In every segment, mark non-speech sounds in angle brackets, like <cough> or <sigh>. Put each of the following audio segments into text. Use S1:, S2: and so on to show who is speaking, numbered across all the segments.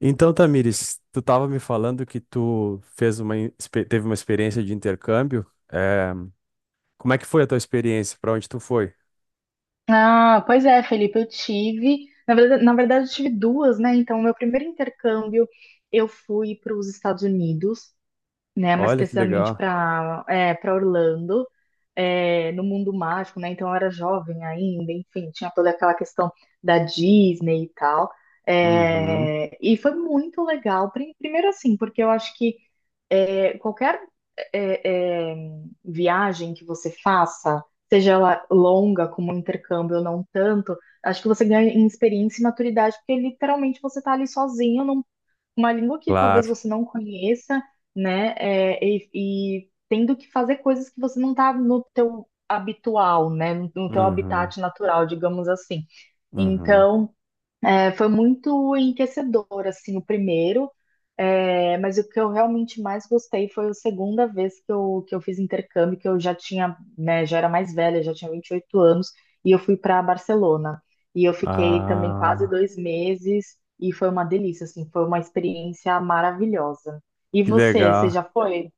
S1: Então, Tamires, tu estava me falando que tu fez teve uma experiência de intercâmbio. É, como é que foi a tua experiência? Para onde tu foi?
S2: Ah, pois é, Felipe, eu tive, na verdade, eu tive duas, né? Então, meu primeiro intercâmbio, eu fui para os Estados Unidos, né? Mais
S1: Olha que
S2: precisamente
S1: legal.
S2: para Orlando, no mundo mágico, né? Então, eu era jovem ainda, enfim, tinha toda aquela questão da Disney e tal.
S1: Uhum,
S2: E foi muito legal, primeiro assim, porque eu acho que qualquer é, é, viagem que você faça, seja ela longa, como um intercâmbio ou não tanto, acho que você ganha em experiência e maturidade, porque literalmente você está ali sozinho, numa língua que talvez
S1: claro.
S2: você não conheça, né? E tendo que fazer coisas que você não está no teu habitual, né? No teu
S1: Uhum,
S2: habitat natural, digamos assim.
S1: uhum.
S2: Então. Foi muito enriquecedor, assim, o primeiro, mas o que eu realmente mais gostei foi a segunda vez que eu fiz intercâmbio, que eu já tinha, né, já era mais velha, já tinha 28 anos, e eu fui para Barcelona. E eu fiquei também quase
S1: Ah,
S2: dois meses, e foi uma delícia, assim, foi uma experiência maravilhosa. E
S1: que
S2: você
S1: legal.
S2: já foi?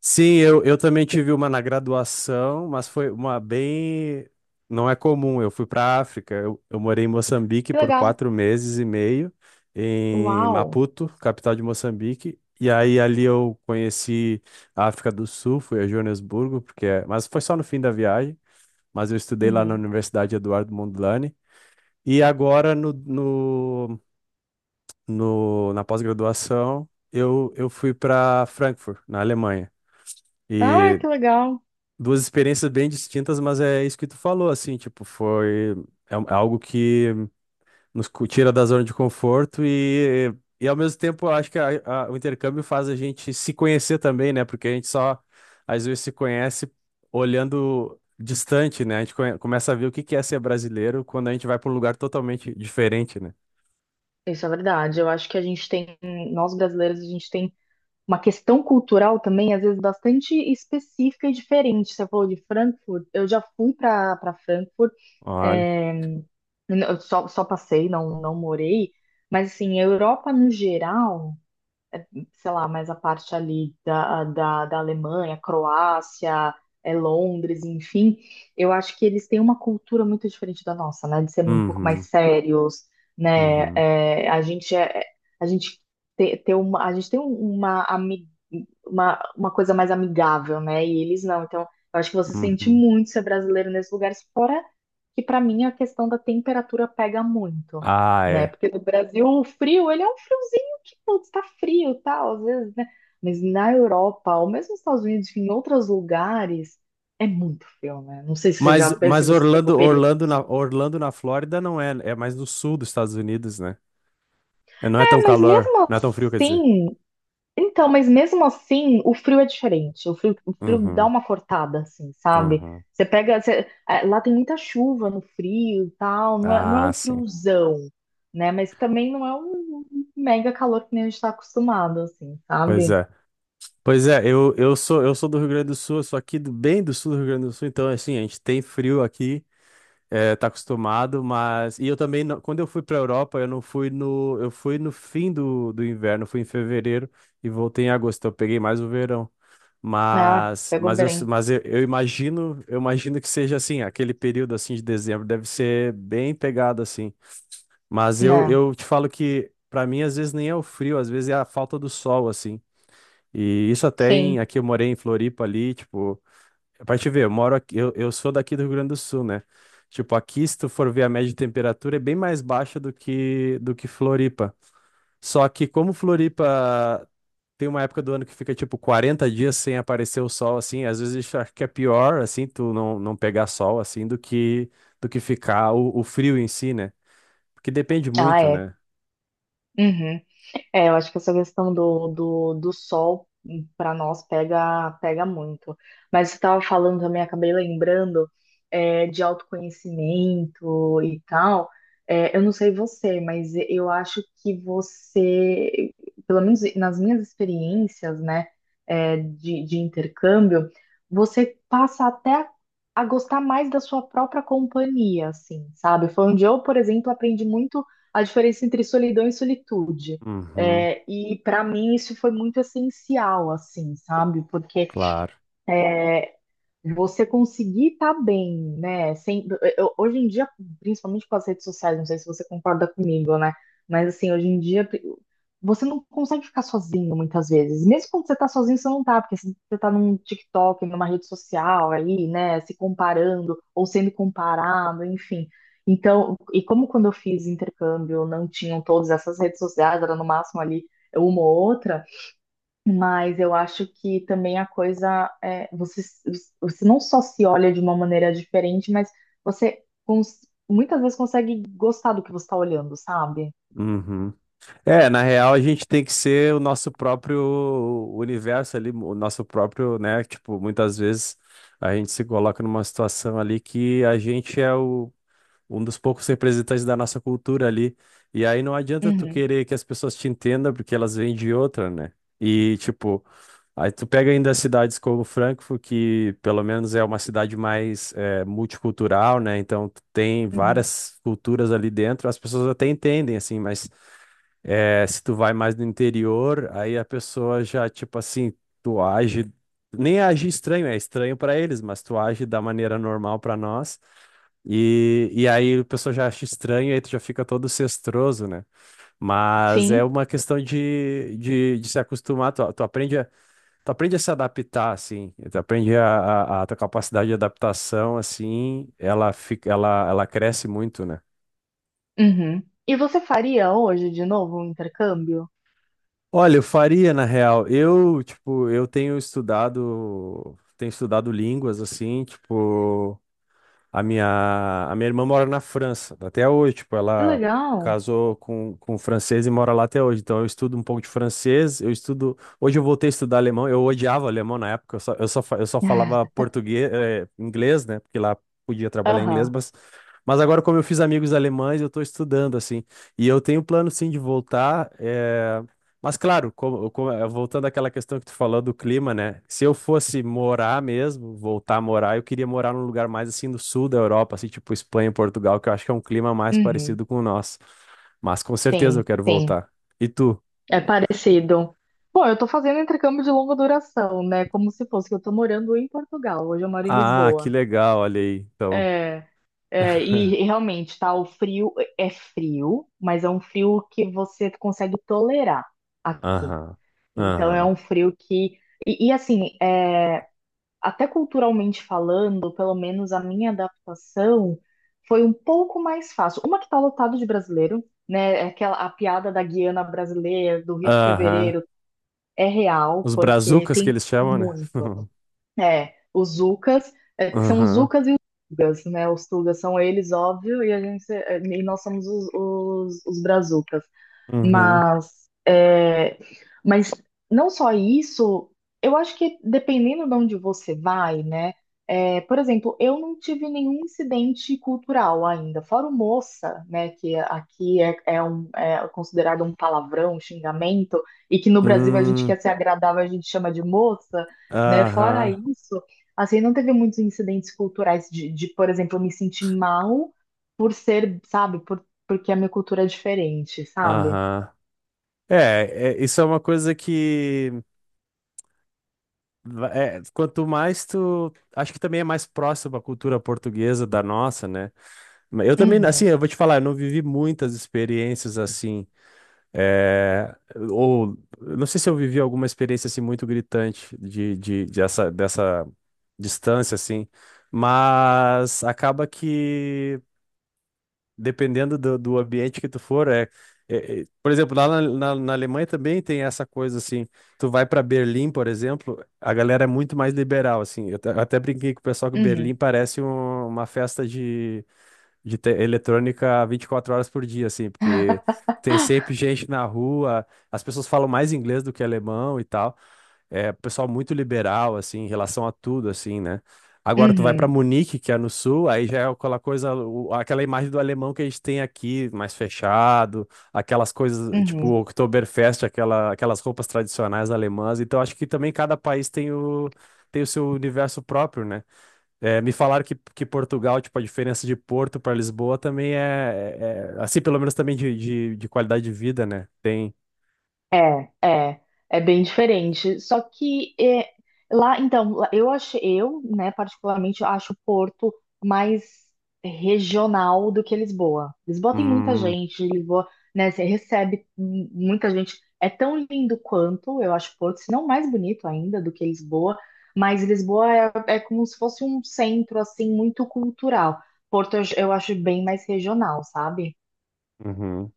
S1: Sim, eu também tive uma na graduação, mas foi uma bem. Não é comum. Eu fui para a África. Eu morei em Moçambique
S2: Que
S1: por
S2: legal!
S1: quatro meses e meio, em
S2: Uau!
S1: Maputo, capital de Moçambique. E aí ali eu conheci a África do Sul, fui a Joanesburgo, mas foi só no fim da viagem. Mas eu estudei lá na
S2: Uhum.
S1: Universidade Eduardo Mondlane. E agora na pós-graduação eu fui para Frankfurt, na Alemanha.
S2: Ah,
S1: E
S2: que legal!
S1: duas experiências bem distintas, mas é isso que tu falou, assim, tipo, foi é algo que tira da zona de conforto e ao mesmo tempo eu acho que o intercâmbio faz a gente se conhecer também, né? Porque a gente só às vezes se conhece olhando distante, né? A gente começa a ver o que que é ser brasileiro quando a gente vai para um lugar totalmente diferente, né?
S2: Isso é verdade. Eu acho que a gente tem, nós brasileiros, a gente tem uma questão cultural também, às vezes, bastante específica e diferente. Você falou de Frankfurt, eu já fui para Frankfurt,
S1: Olha.
S2: é, eu só, só passei, não, não morei, mas assim, a Europa no geral sei lá, mais a parte ali da Alemanha, Croácia, Londres, enfim, eu acho que eles têm uma cultura muito diferente da nossa, né? De ser um pouco mais
S1: Uhum,
S2: sérios, né?
S1: uhum,
S2: A gente tem uma, a gente tem uma, ami- uma coisa mais amigável, né? E eles não. Então, eu acho que você sente
S1: uhum.
S2: muito ser brasileiro nesses lugares, fora que para mim a questão da temperatura pega muito,
S1: Ah,
S2: né?
S1: é.
S2: Porque no Brasil o frio, ele é um frio que putz, tá frio, e tal, às vezes, né? Mas na Europa, ou mesmo nos Estados Unidos, enfim, em outros lugares, é muito frio, né? Não sei se se
S1: Mas
S2: você pegou
S1: Orlando,
S2: períodos.
S1: Orlando na Flórida não é, é mais no sul dos Estados Unidos, né? É, não é tão
S2: É, mas
S1: calor,
S2: mesmo
S1: não é tão frio, quer dizer.
S2: assim, mas mesmo assim, o frio é diferente. O frio dá
S1: Uhum,
S2: uma cortada, assim, sabe?
S1: uhum.
S2: Você pega, você- é, lá tem muita chuva no frio e tal, não é
S1: Ah,
S2: um
S1: sim.
S2: friozão, né? Mas também não é um mega calor que nem a gente tá acostumado, assim,
S1: Pois
S2: sabe?
S1: é. Pois é, eu sou, eu sou do Rio Grande do Sul, eu sou aqui do, bem do sul do Rio Grande do Sul, então assim, a gente tem frio aqui, é, tá acostumado, mas e eu também não- quando eu fui pra Europa, eu fui no fim do inverno, fui em fevereiro e voltei em agosto, então eu peguei mais o verão.
S2: Ah,
S1: Mas,
S2: pegou
S1: mas, eu,
S2: bem,
S1: mas eu, eu imagino, eu imagino que seja assim, aquele período assim de dezembro deve ser bem pegado assim. Mas eu,
S2: né?
S1: eu te falo que para mim às vezes nem é o frio, às vezes é a falta do sol assim. E isso até em
S2: Sim.
S1: aqui eu morei em Floripa ali, tipo, é pra te ver, eu moro aqui, eu sou daqui do Rio Grande do Sul, né? Tipo, aqui se tu for ver a média de temperatura é bem mais baixa do que Floripa. Só que como Floripa tem uma época do ano que fica tipo 40 dias sem aparecer o sol, assim. Às vezes eu acho que é pior, assim, tu não pegar sol, assim, do que ficar o frio em si, né? Porque depende
S2: Ah,
S1: muito,
S2: é.
S1: né?
S2: Uhum. É, eu acho que essa questão do sol para nós pega, pega muito. Mas você estava falando também, acabei lembrando, de autoconhecimento e tal. Eu não sei você, mas eu acho que você, pelo menos nas minhas experiências, né, de intercâmbio, você passa até a gostar mais da sua própria companhia, assim, sabe? Foi onde eu, por exemplo, aprendi muito a diferença entre solidão e solitude.
S1: Uhum,
S2: E para mim isso foi muito essencial, assim, sabe? Porque
S1: claro.
S2: você conseguir estar bem, né? Sem, eu- hoje em dia, principalmente com as redes sociais, não sei se você concorda comigo, né? Mas assim, hoje em dia você não consegue ficar sozinho muitas vezes. Mesmo quando você tá sozinho, você não tá, porque se você tá num TikTok, numa rede social aí, né? Se comparando ou sendo comparado, enfim. Então, e como quando eu fiz intercâmbio, não tinham todas essas redes sociais, era no máximo ali uma ou outra. Mas eu acho que também a coisa é, você, você não só se olha de uma maneira diferente, mas você cons- muitas vezes consegue gostar do que você está olhando, sabe?
S1: Uhum. É, na real, a gente tem que ser o nosso próprio universo ali, o nosso próprio, né? Tipo, muitas vezes a gente se coloca numa situação ali que a gente é o um dos poucos representantes da nossa cultura ali. E aí não adianta tu
S2: Uhum,
S1: querer que as pessoas te entendam, porque elas vêm de outra, né? E, tipo, aí tu pega ainda cidades como Frankfurt, que pelo menos é uma cidade mais multicultural, né? Então tu tem
S2: uhum.
S1: várias culturas ali dentro, as pessoas até entendem, assim, mas é, se tu vai mais no interior, aí a pessoa já, tipo assim, tu age, nem age estranho, é estranho pra eles, mas tu age da maneira normal pra nós. E aí a pessoa já acha estranho, aí tu já fica todo cestroso, né? Mas é
S2: Sim.
S1: uma questão de se acostumar, tu aprende a, tu aprende a se adaptar, assim, tu aprende a tua capacidade de adaptação, assim, ela fica, ela cresce muito, né?
S2: Uhum. E você faria hoje de novo um intercâmbio?
S1: Olha, eu faria na real. Eu, tipo, tenho estudado línguas assim, tipo, a minha irmã mora na França até hoje, tipo,
S2: Que
S1: ela
S2: legal.
S1: casou com um francês e mora lá até hoje. Então eu estudo um pouco de francês, eu estudo, hoje eu voltei a estudar alemão. Eu odiava alemão na época, eu só falava
S2: <laughs>
S1: português, inglês, né? Porque lá podia trabalhar em inglês,
S2: Aham.
S1: mas agora, como eu fiz amigos alemães, eu estou estudando, assim. E eu tenho plano, sim, de voltar. Mas, claro, voltando àquela questão que tu falou do clima, né? Se eu fosse morar mesmo, voltar a morar, eu queria morar num lugar mais, assim, do sul da Europa, assim, tipo Espanha e Portugal, que eu acho que é um clima mais
S2: Uhum.
S1: parecido com o nosso. Mas, com certeza, eu
S2: Sim,
S1: quero
S2: sim.
S1: voltar. E tu?
S2: É parecido. Bom, eu tô fazendo intercâmbio de longa duração, né? Como se fosse que eu tô morando em Portugal. Hoje eu moro em
S1: Ah, que
S2: Lisboa.
S1: legal, olha aí. Então.
S2: É,
S1: <laughs>
S2: e realmente, tá? O frio é frio, mas é um frio que você consegue tolerar aqui.
S1: Aham.
S2: Então, é
S1: Aham.
S2: um frio que. Assim, é, até culturalmente falando, pelo menos a minha adaptação foi um pouco mais fácil. Uma que tá lotado de brasileiro, né? Aquela, a piada da Guiana brasileira, do Rio de
S1: Aham.
S2: Fevereiro, é real,
S1: Os
S2: porque
S1: brazucas que
S2: tem
S1: eles chamam, né?
S2: muito.
S1: <laughs>
S2: É, os Zucas, é, são os
S1: Aham.
S2: Zucas e os Tugas, né? Os Tugas são eles, óbvio, e a gente, é, e nós somos os Brazucas.
S1: Uhum.
S2: Mas, é, mas não só isso, eu acho que dependendo de onde você vai, né? É, por exemplo, eu não tive nenhum incidente cultural ainda, fora o moça, né? Que aqui é considerado um palavrão, um xingamento, e que no Brasil a gente
S1: Hum,
S2: quer ser agradável, a gente chama de moça, né? Fora
S1: aham,
S2: isso, assim, não teve muitos incidentes culturais de, por exemplo, eu me sentir mal por ser, sabe, por, porque a minha cultura é diferente, sabe?
S1: aham. É, é, isso é uma coisa que é, quanto mais tu, acho que também é mais próximo à cultura portuguesa da nossa, né? Mas eu também, assim,
S2: Uhum,
S1: eu vou te falar, eu não vivi muitas experiências assim, é, ou eu não sei se eu vivi alguma experiência assim muito gritante dessa distância assim, mas acaba que dependendo do ambiente que tu for, é, por exemplo, lá na Alemanha também tem essa coisa assim, tu vai para Berlim, por exemplo, a galera é muito mais liberal, assim, eu até brinquei com o pessoal que
S2: uhum,
S1: Berlim parece uma festa de eletrônica 24 horas por dia, assim, porque tem sempre gente na rua, as pessoas falam mais inglês do que alemão e tal, é, pessoal muito liberal, assim, em relação a tudo, assim, né? Agora tu vai para
S2: uhum,
S1: Munique, que é no sul, aí já é aquela coisa, aquela imagem do alemão que a gente tem aqui, mais fechado, aquelas coisas, tipo,
S2: uhum.
S1: Oktoberfest, aquelas roupas tradicionais alemãs. Então acho que também cada país tem o, tem o seu universo próprio, né? É, me falaram que Portugal, tipo, a diferença de Porto para Lisboa também é, assim, pelo menos também de qualidade de vida, né? Tem.
S2: É, é, é bem diferente. Só que é, lá- eu achei, eu, né, particularmente acho Porto mais regional do que Lisboa. Lisboa tem muita
S1: Hum,
S2: gente, Lisboa, né, você recebe muita gente. É tão lindo quanto, eu acho Porto, se não mais bonito ainda do que Lisboa, mas Lisboa é, é como se fosse um centro, assim, muito cultural. Porto eu acho bem mais regional, sabe?
S1: uhum.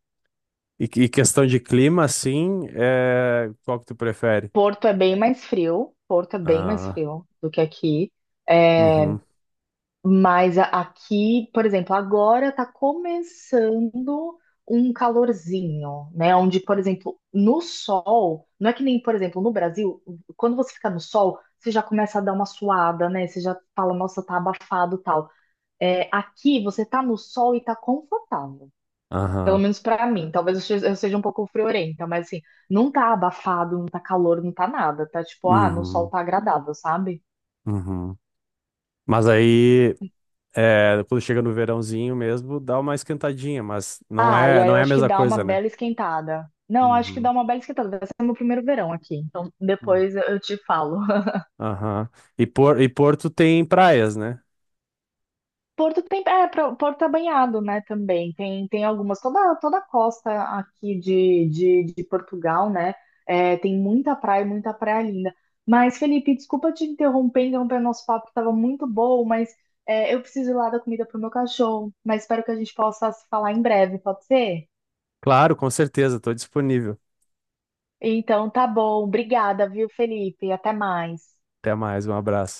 S1: E questão de clima, assim, é... qual que tu prefere?
S2: Porto é bem mais frio, Porto é bem mais
S1: Ah,
S2: frio do que aqui. É,
S1: uhum,
S2: mas a- aqui, por exemplo, agora tá começando um calorzinho, né? Onde, por exemplo, no sol, não é que nem, por exemplo, no Brasil, quando você fica no sol, você já começa a dar uma suada, né? Você já fala, nossa, tá abafado, tal. É, aqui você tá no sol e tá confortável. Pelo
S1: aham,
S2: menos pra mim. Talvez eu seja um pouco friorenta, mas assim, não tá abafado, não tá calor, não tá nada. Tá tipo, ah, no sol
S1: uhum,
S2: tá agradável, sabe?
S1: uhum. Mas aí, é, quando chega no verãozinho mesmo, dá uma esquentadinha, mas
S2: Ah, e aí
S1: não
S2: eu
S1: é a
S2: acho que
S1: mesma
S2: dá uma
S1: coisa, né?
S2: bela esquentada. Não, acho que
S1: Uhum,
S2: dá uma bela esquentada. Vai ser meu primeiro verão aqui. Então
S1: uhum,
S2: depois eu te falo.
S1: aham. E, e Porto tem praias, né?
S2: Porto é banhado, né, também. Tem, tem algumas, toda a costa aqui de Portugal, né, é, tem muita praia linda. Mas, Felipe, desculpa te interromper, interromper nosso papo, que tava muito bom, mas é, eu preciso ir lá dar comida pro meu cachorro. Mas espero que a gente possa se falar em breve, pode ser?
S1: Claro, com certeza, estou disponível.
S2: Então, tá bom. Obrigada, viu, Felipe? Até mais.
S1: Até mais, um abraço.